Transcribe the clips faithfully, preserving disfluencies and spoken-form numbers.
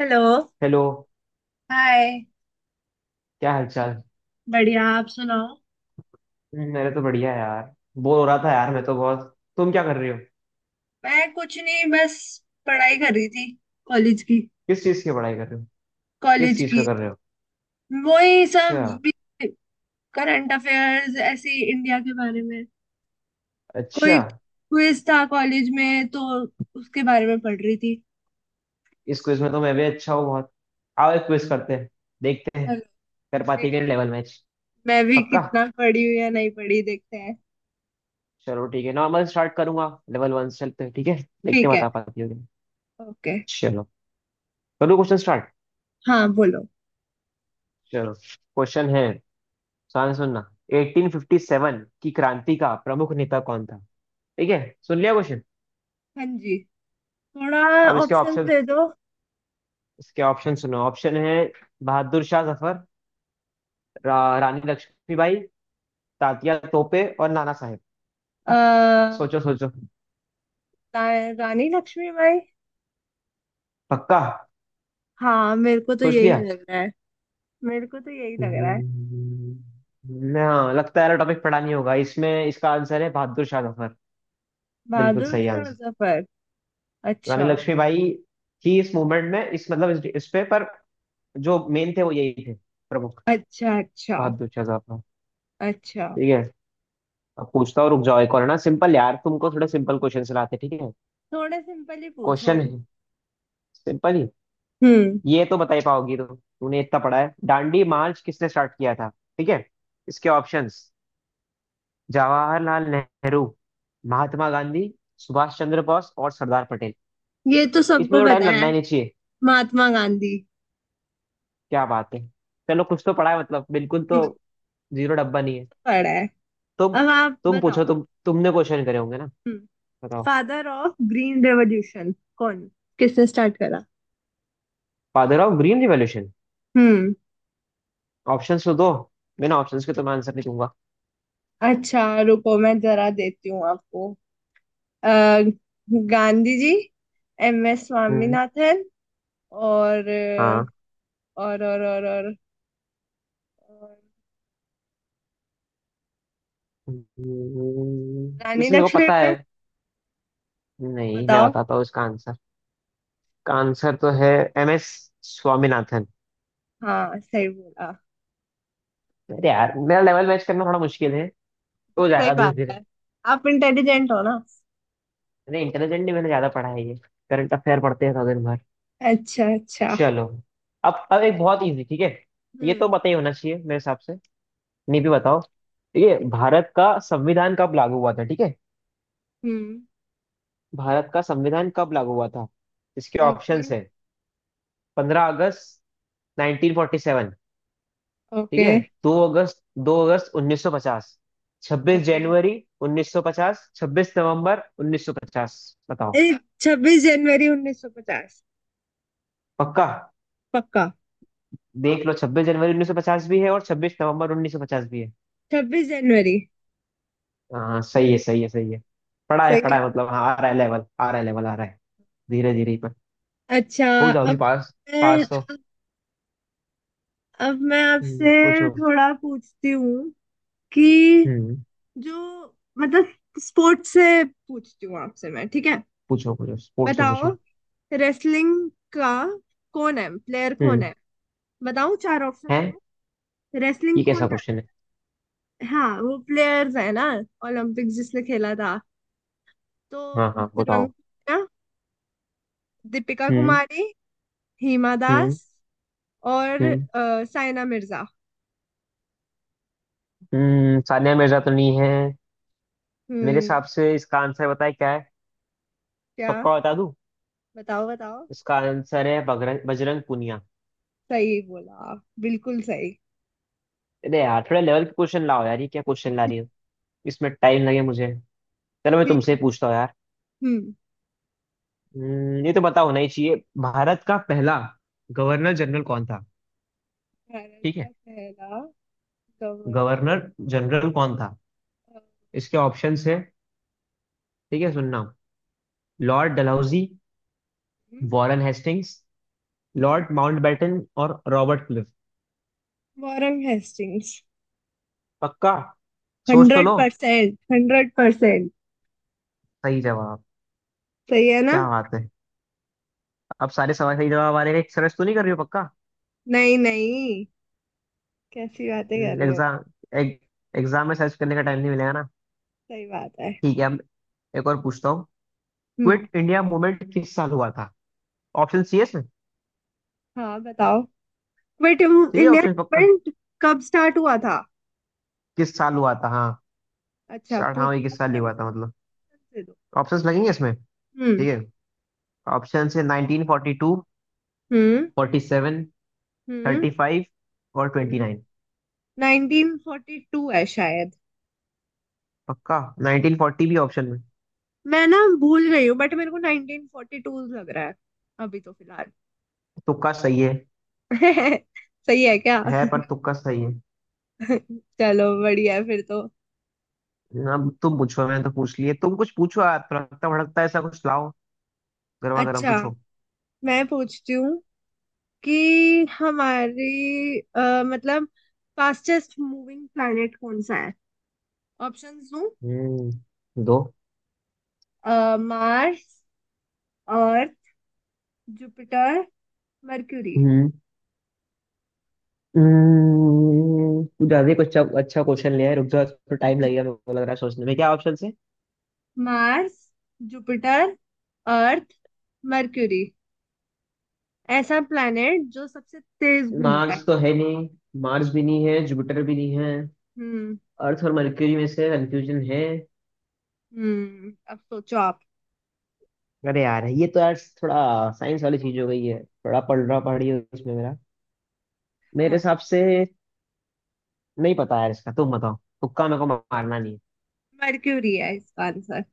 Hello. Hello, hi. क्या हालचाल। बढ़िया आप सुनाओ। मेरे तो बढ़िया है यार। बोर हो रहा था यार, मैं तो बहुत। तुम क्या कर रहे हो। मैं कुछ नहीं बस पढ़ाई कर रही थी कॉलेज की। किस चीज़ की पढ़ाई कर रहे हो। किस कॉलेज चीज़ पे की। कर रहे हो। वही अच्छा। सब। करंट अफेयर्स ऐसे ही इंडिया के बारे में। कोई अच्छा। क्विज था कॉलेज में तो उसके बारे में पढ़ रही थी। इस क्विज में तो मैं भी अच्छा हूँ बहुत। आओ एक क्विज करते हैं। देखते हैं हेलो। कर पाती है देखते हैं, लेवल मैच। मैं भी पक्का। कितना पढ़ी हूँ या नहीं पढ़ी देखते हैं। चलो ठीक है, नॉर्मल स्टार्ट करूंगा, लेवल वन से चलते हैं ठीक है। देखते ठीक हैं है। बता पाती हो कि नहीं। ओके। चलो, करूँ क्वेश्चन स्टार्ट। हाँ बोलो। चलो क्वेश्चन है, ध्यान से सुनना। अठारह सौ सत्तावन की क्रांति का प्रमुख नेता कौन था। ठीक है, सुन लिया क्वेश्चन। हाँ जी। थोड़ा। अब इसके ऑप्शन ऑप्शन, दे दो। इसके ऑप्शन सुनो। ऑप्शन है बहादुर शाह जफर, रा, रानी लक्ष्मीबाई, तात्या तोपे और नाना साहेब। अ, सोचो सोचो। रा- रानी लक्ष्मीबाई। पक्का। हाँ मेरे को तो सोच यही लिया। लग रहा है। मेरे को तो यही लग रहा है। हम्म, हाँ लगता है टॉपिक पढ़ा नहीं होगा। इसमें इसका आंसर है बहादुर शाह जफर। बिल्कुल बहादुर सही शाह आंसर। जफर। रानी अच्छा लक्ष्मीबाई थी इस मूवमेंट में, इस मतलब इस, इस पे पर जो मेन थे वो यही थे, प्रमुख अच्छा। अच्छा। बहादुर शाह जफर। अच्छा। ठीक है। अब पूछता हूँ, रुक जाओ, एक और है ना सिंपल। यार तुमको थोड़े सिंपल क्वेश्चन लाते ठीक है। थोड़ा सिंपल ही पूछो। क्वेश्चन है सिंपल ही। हम्म। ये तो बता ही पाओगी तुम, तूने इतना पढ़ा है। दांडी मार्च किसने स्टार्ट किया था ठीक है। इसके ऑप्शंस: जवाहरलाल नेहरू, महात्मा गांधी, सुभाष चंद्र बोस और सरदार पटेल। ये तो सबको इसमें तो पता टाइम लगना है। ही नहीं चाहिए। महात्मा गांधी। क्या बात है। चलो कुछ तो पढ़ा है मतलब, बिल्कुल तो हम्म। जीरो डब्बा नहीं है। पढ़ा है। तुम अब आप तुम बताओ। पूछो। तुम तुमने क्वेश्चन करे होंगे ना। हम्म। बताओ। फादर ऑफ ग्रीन रेवोल्यूशन कौन किसने स्टार्ट करा। Father of green revolution. Hmm. Options तो दो, बिना ऑप्शंस के तो मैं आंसर नहीं दूंगा। अच्छा। रुको मैं जरा देती हूँ आपको। अ, Gandhi ji. M S hmm. Swaminathan और हाँ। और और और और, और हम्म, रानी इसमें मेरे को लक्ष्मीबाई। पता है। नहीं मैं बताओ। बताता हूँ इसका आंसर। का आंसर तो है एम एस स्वामीनाथन। हाँ सही बोला। अरे यार, मेरा लेवल मैच करना थोड़ा मुश्किल है। हो सही जाएगा धीरे बात धीरे। है। आप इंटेलिजेंट हो ना। अरे इंटेलिजेंट नहीं, मैंने ज्यादा पढ़ा है ये। करंट अफेयर पढ़ते हैं दिन भर। अच्छा अच्छा। चलो, अब अब एक बहुत इजी ठीक है। ये तो हम्म। पता ही होना चाहिए मेरे हिसाब से, नहीं भी बताओ। ये भारत का संविधान कब लागू हुआ था ठीक है। हम्म। भारत का संविधान कब लागू हुआ था। इसके ओके। ऑप्शंस है: पंद्रह अगस्त नाइनटीन फोर्टी सेवन ठीक ओके। है, दो अगस्त दो अगस्त उन्नीस सौ पचास, छब्बीस ओके। जनवरी उन्नीस सौ पचास, छब्बीस नवंबर उन्नीस सौ पचास। बताओ। छब्बीस जनवरी उन्नीस सौ पचास। पक्का। पक्का। देख लो, छब्बीस जनवरी उन्नीस सौ पचास भी है और छब्बीस नवंबर उन्नीस सौ पचास भी है। छब्बीस जनवरी। हाँ सही है, सही है, सही है। पढ़ा है, सही पढ़ा है। है मतलब, हाँ आ रहा है लेवल, आ रहा है लेवल, आ रहा है। धीरे धीरे ही पर अच्छा। हो जाओगी अब पास। मैं पास तो। अब मैं हम्म, आपसे पूछो। थोड़ा पूछती हूँ कि हम्म। जो मतलब स्पोर्ट्स से पूछती हूँ आपसे मैं। ठीक है। पूछो, पूछो स्पोर्ट्स से बताओ। पूछो। रेसलिंग का कौन है प्लेयर कौन हम्म। है। बताओ चार ऑप्शन है। दो। ये रेसलिंग कौन कैसा है। क्वेश्चन है। हाँ वो प्लेयर्स है ना ओलंपिक्स जिसने खेला था तो। हाँ हाँ बजरंग बताओ। पुनिया, दीपिका हम्म। कुमारी, हिमा दास हम्म। और हम्म। अ, साइना मिर्जा। हम्म। सानिया मिर्जा तो नहीं है। मेरे हम्म। हिसाब से इसका आंसर बताए क्या है। क्या। पक्का बता दूं। बताओ बताओ। इसका आंसर है बगरंग बजरंग पूनिया। सही बोला, बिल्कुल सही। अरे यार थोड़ा लेवल के क्वेश्चन लाओ यार, ये क्या क्वेश्चन ला रही हो। इसमें टाइम लगे मुझे। चलो मैं ठीक तुमसे ही है। पूछता हूँ यार। हम्म। हम्म, ये तो पता होना ही चाहिए। भारत का पहला गवर्नर जनरल कौन था भारत ठीक का है। पहला गवर्नर। गवर्नर जनरल कौन था। इसके ऑप्शंस है, ठीक है सुनना: Lord Dalhousie, Warren Hastings, Lord Mountbatten और रॉबर्ट क्लिफ। Warren Hastings. पक्का, सोच तो हंड्रेड लो। Percent hundred percent. सही जवाब। सही है ना। क्या बात है। अब सारे सवाल सही जवाब आ रहे हैं, सर्च तो नहीं कर रही हो पक्का। नहीं नहीं, कैसी बातें कर रहे हो। एग्जाम एग्जाम में सर्च करने का टाइम नहीं मिलेगा ना। सही बात है। ठीक है अब, एक और पूछता हूँ। हम्म। क्विट इंडिया मूवमेंट किस साल हुआ था। ऑप्शन सी एस में हाँ बताओ। वेट चाहिए इंडिया ऑप्शन पक्का। गवर्नमेंट कब स्टार्ट हुआ था। किस साल हुआ था हाँ। अच्छा पूछ अठारहवीं किस साल ही ऑप्शन हुआ दे। था मतलब। options दे दो। ऑप्शंस लगेंगे इसमें हम्म। ठीक है। ऑप्शन है nineteen forty two, hmm. Forty seven, thirty five और twenty hmm. Nine. Nineteen forty two है शायद। पक्का, नाइनटीन फोर्टी भी ऑप्शन में। मैं ना भूल गई हूँ बट मेरे को नाइनटीन फोर्टी टू लग रहा है अभी तो फिलहाल। तुक्का सही है। सही है क्या। है पर, तुक्का सही है। चलो बढ़िया है फिर तो। अब तुम पूछो, मैंने तो पूछ लिए। तुम कुछ पूछो यार, तड़कता भड़कता ऐसा कुछ लाओ, गर्मा गर्म अच्छा, पूछो। मैं पूछती हूँ कि हमारी अ, मतलब फास्टेस्ट मूविंग प्लैनेट कौन सा है। ऑप्शंस दूं। हम्म दो। Mars, Earth, Jupiter, Mercury. Hmm. Hmm, कुछ ज्यादा ही कुछ अच्छा अच्छा क्वेश्चन लिया है। रुक जाओ, थोड़ा टाइम लगेगा मेरे को लग रहा है, सोचने में। क्या ऑप्शन से। Mars, Jupiter, Earth, Mercury. ऐसा प्लैनेट जो सबसे तेज घूमता है। मार्स तो है नहीं। मार्स भी नहीं है, जुपिटर भी नहीं है। हम्म। अर्थ और मरक्यूरी में से कंफ्यूजन है। हम्म अब सोचो आप। अरे यार ये तो यार, थोड़ा साइंस वाली चीज हो गई है। थोड़ा पढ़ रहा पढ़ी उसमें मेरा। मेरे हाँ। हिसाब से नहीं पता यार इसका, तुम बताओ। तुक्का मेरे को मारना नहीं है। मर्क्यूरी है इसका आंसर।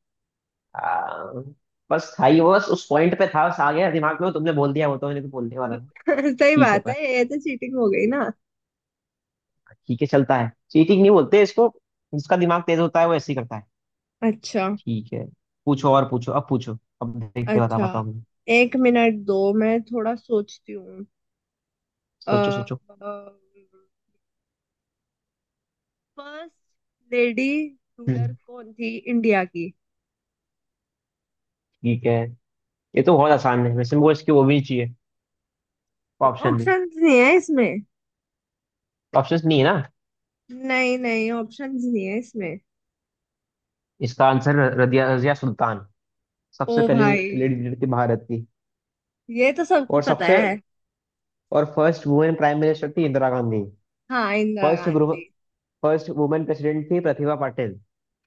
आ, बस था ही वो, बस उस पॉइंट पे था, बस आ गया दिमाग में वो। तुमने बोल दिया वो तो, मैंने तो बोलने वाला था। सही ठीक है बात पर, है। ये तो चीटिंग हो गई ना। ठीक है चलता है, चीटिंग नहीं बोलते इसको। जिसका दिमाग तेज होता है वो ऐसे ही करता है। अच्छा। ठीक है, पूछो और पूछो, अब पूछो, अब देखते बता, अच्छा, बताओ मुझे। एक मिनट दो मैं थोड़ा सोचती हूँ। सोचो सोचो। First lady ruler hmm. कौन थी इंडिया की। ठीक है, ये तो बहुत आसान है, वैसे मुझे इसकी वो भी नहीं चाहिए ऑप्शन भी। ऑप्शंस नहीं है इसमें। ऑप्शन नहीं है ना। नहीं नहीं, ऑप्शंस नहीं है इसमें। इसका आंसर रदिया रजिया सुल्तान, ओ सबसे पहली भाई, लेडी लीडर थी भारत की। ये तो सबको और पता सबसे है। और फर्स्ट वुमेन प्राइम मिनिस्टर थी इंदिरा गांधी। हाँ, Indira first Gandhi. First women president थी प्रतिभा पाटिल।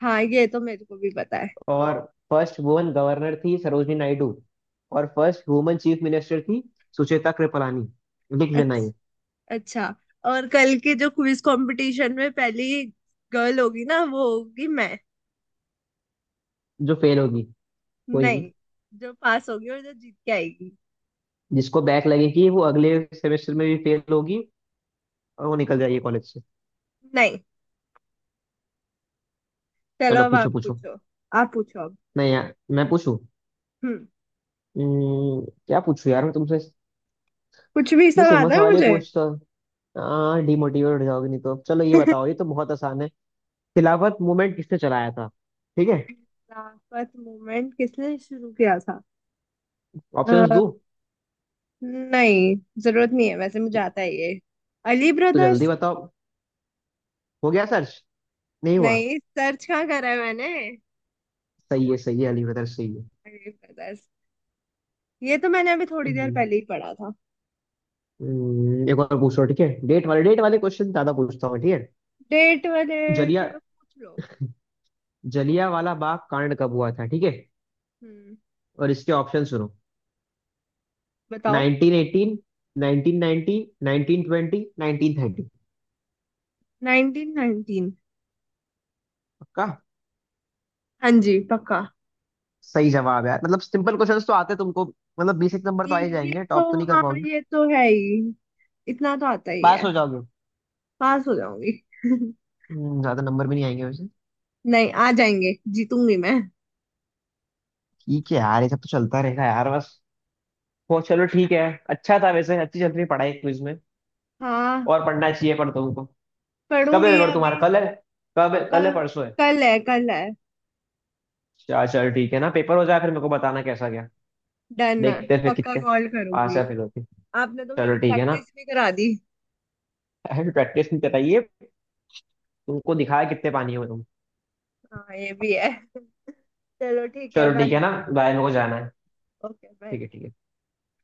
हाँ, ये तो मेरे को भी पता है। और हाँ, फर्स्ट वुमेन गवर्नर थी सरोजनी नायडू। और फर्स्ट वुमेन चीफ मिनिस्टर थी सुचेता कृपलानी। लिख लेना अच्छा। ये। अच्छा, और कल के जो क्विज कंपटीशन में पहली गर्ल होगी ना वो होगी मैं। जो फेल होगी। कोई नहीं। नहीं। जो पास होगी और जो जीत के आएगी। जिसको बैक लगेगी वो अगले सेमेस्टर में भी फेल होगी, और वो निकल जाएगी कॉलेज से। नहीं। चलो चलो, अब आप पूछो पूछो। पूछो। आप पूछो अब। नहीं यार मैं पूछूं। हम्म। हम्म, क्या पूछूं यार मैं तुमसे। कुछ भी, मैं सब सिंपल आता है सवाल ही मुझे। पूछता, हाँ डिमोटिवेट हो जाओगे नहीं तो। चलो ये बताओ, ये तो बहुत आसान है। खिलाफत मूवमेंट किसने चलाया था ठीक है। लाफत मोमेंट किसने शुरू किया था। ऑप्शंस अ, दूं। नहीं, जरूरत नहीं है वैसे, मुझे आता है ये। अली तो जल्दी ब्रदर्स। बताओ, हो गया सर्च। नहीं हुआ। नहीं, सर्च कहाँ करा है मैंने। सही है, सही है, अली बदर सही है। अली ब्रदर्स। ये तो मैंने अभी थोड़ी देर हम्म। पहले ही पढ़ा था। हम्म, एक और पूछो ठीक है। डेट वाले डेट वाले क्वेश्चन ज्यादा पूछता हूँ ठीक है। डेट वाले। जलिया चलो पूछ लो। जलिया वाला बाग कांड कब हुआ था ठीक है। हम्म। और इसके ऑप्शन सुनो: बताओ। Nineteen eighteen, nineteen ninety, nineteen twenty, nineteen thirty. Nineteen nineteen. पक्का। हाँ जी, पक्का। सही जवाब है यार मतलब। सिंपल क्वेश्चंस तो आते तुमको, मतलब बेसिक नंबर तो ये आ ही ये जाएंगे, तो, टॉप तो नहीं कर हाँ पाओगे। ये तो है ही। इतना तो आता ही पास है। हो जाओगे। पास हो जाऊंगी। हम्म, ज्यादा नंबर भी नहीं आएंगे वैसे। नहीं, आ जाएंगे। जीतूंगी मैं। ठीक है यार, ये सब तो चलता रहेगा यार बस। वो चलो ठीक है। अच्छा था वैसे, अच्छी चल रही पढ़ाई क्विज में। हाँ। और पढ़ना चाहिए पर तुमको। कब है पढ़ूंगी पेपर अभी। तुम्हारा, कल है। कब है, अ, कल है परसों है। कल है, कल है। चल चल ठीक है ना, पेपर हो जाए फिर मेरे को बताना कैसा गया। डन है, देखते हैं फिर, पक्का कितने कॉल पास करूंगी। है फिर होती। आपने तो चलो मेरी ठीक है ना। प्रैक्टिस भी करा दी। ऐसे प्रैक्टिस नहीं कराइए, तुमको दिखाया कितने पानी हो तुम। हाँ ये भी है। चलो ठीक है, चलो ठीक बाय। है ना बाय, मेरे को जाना है। Okay, bye. ठीक है, ठीक है।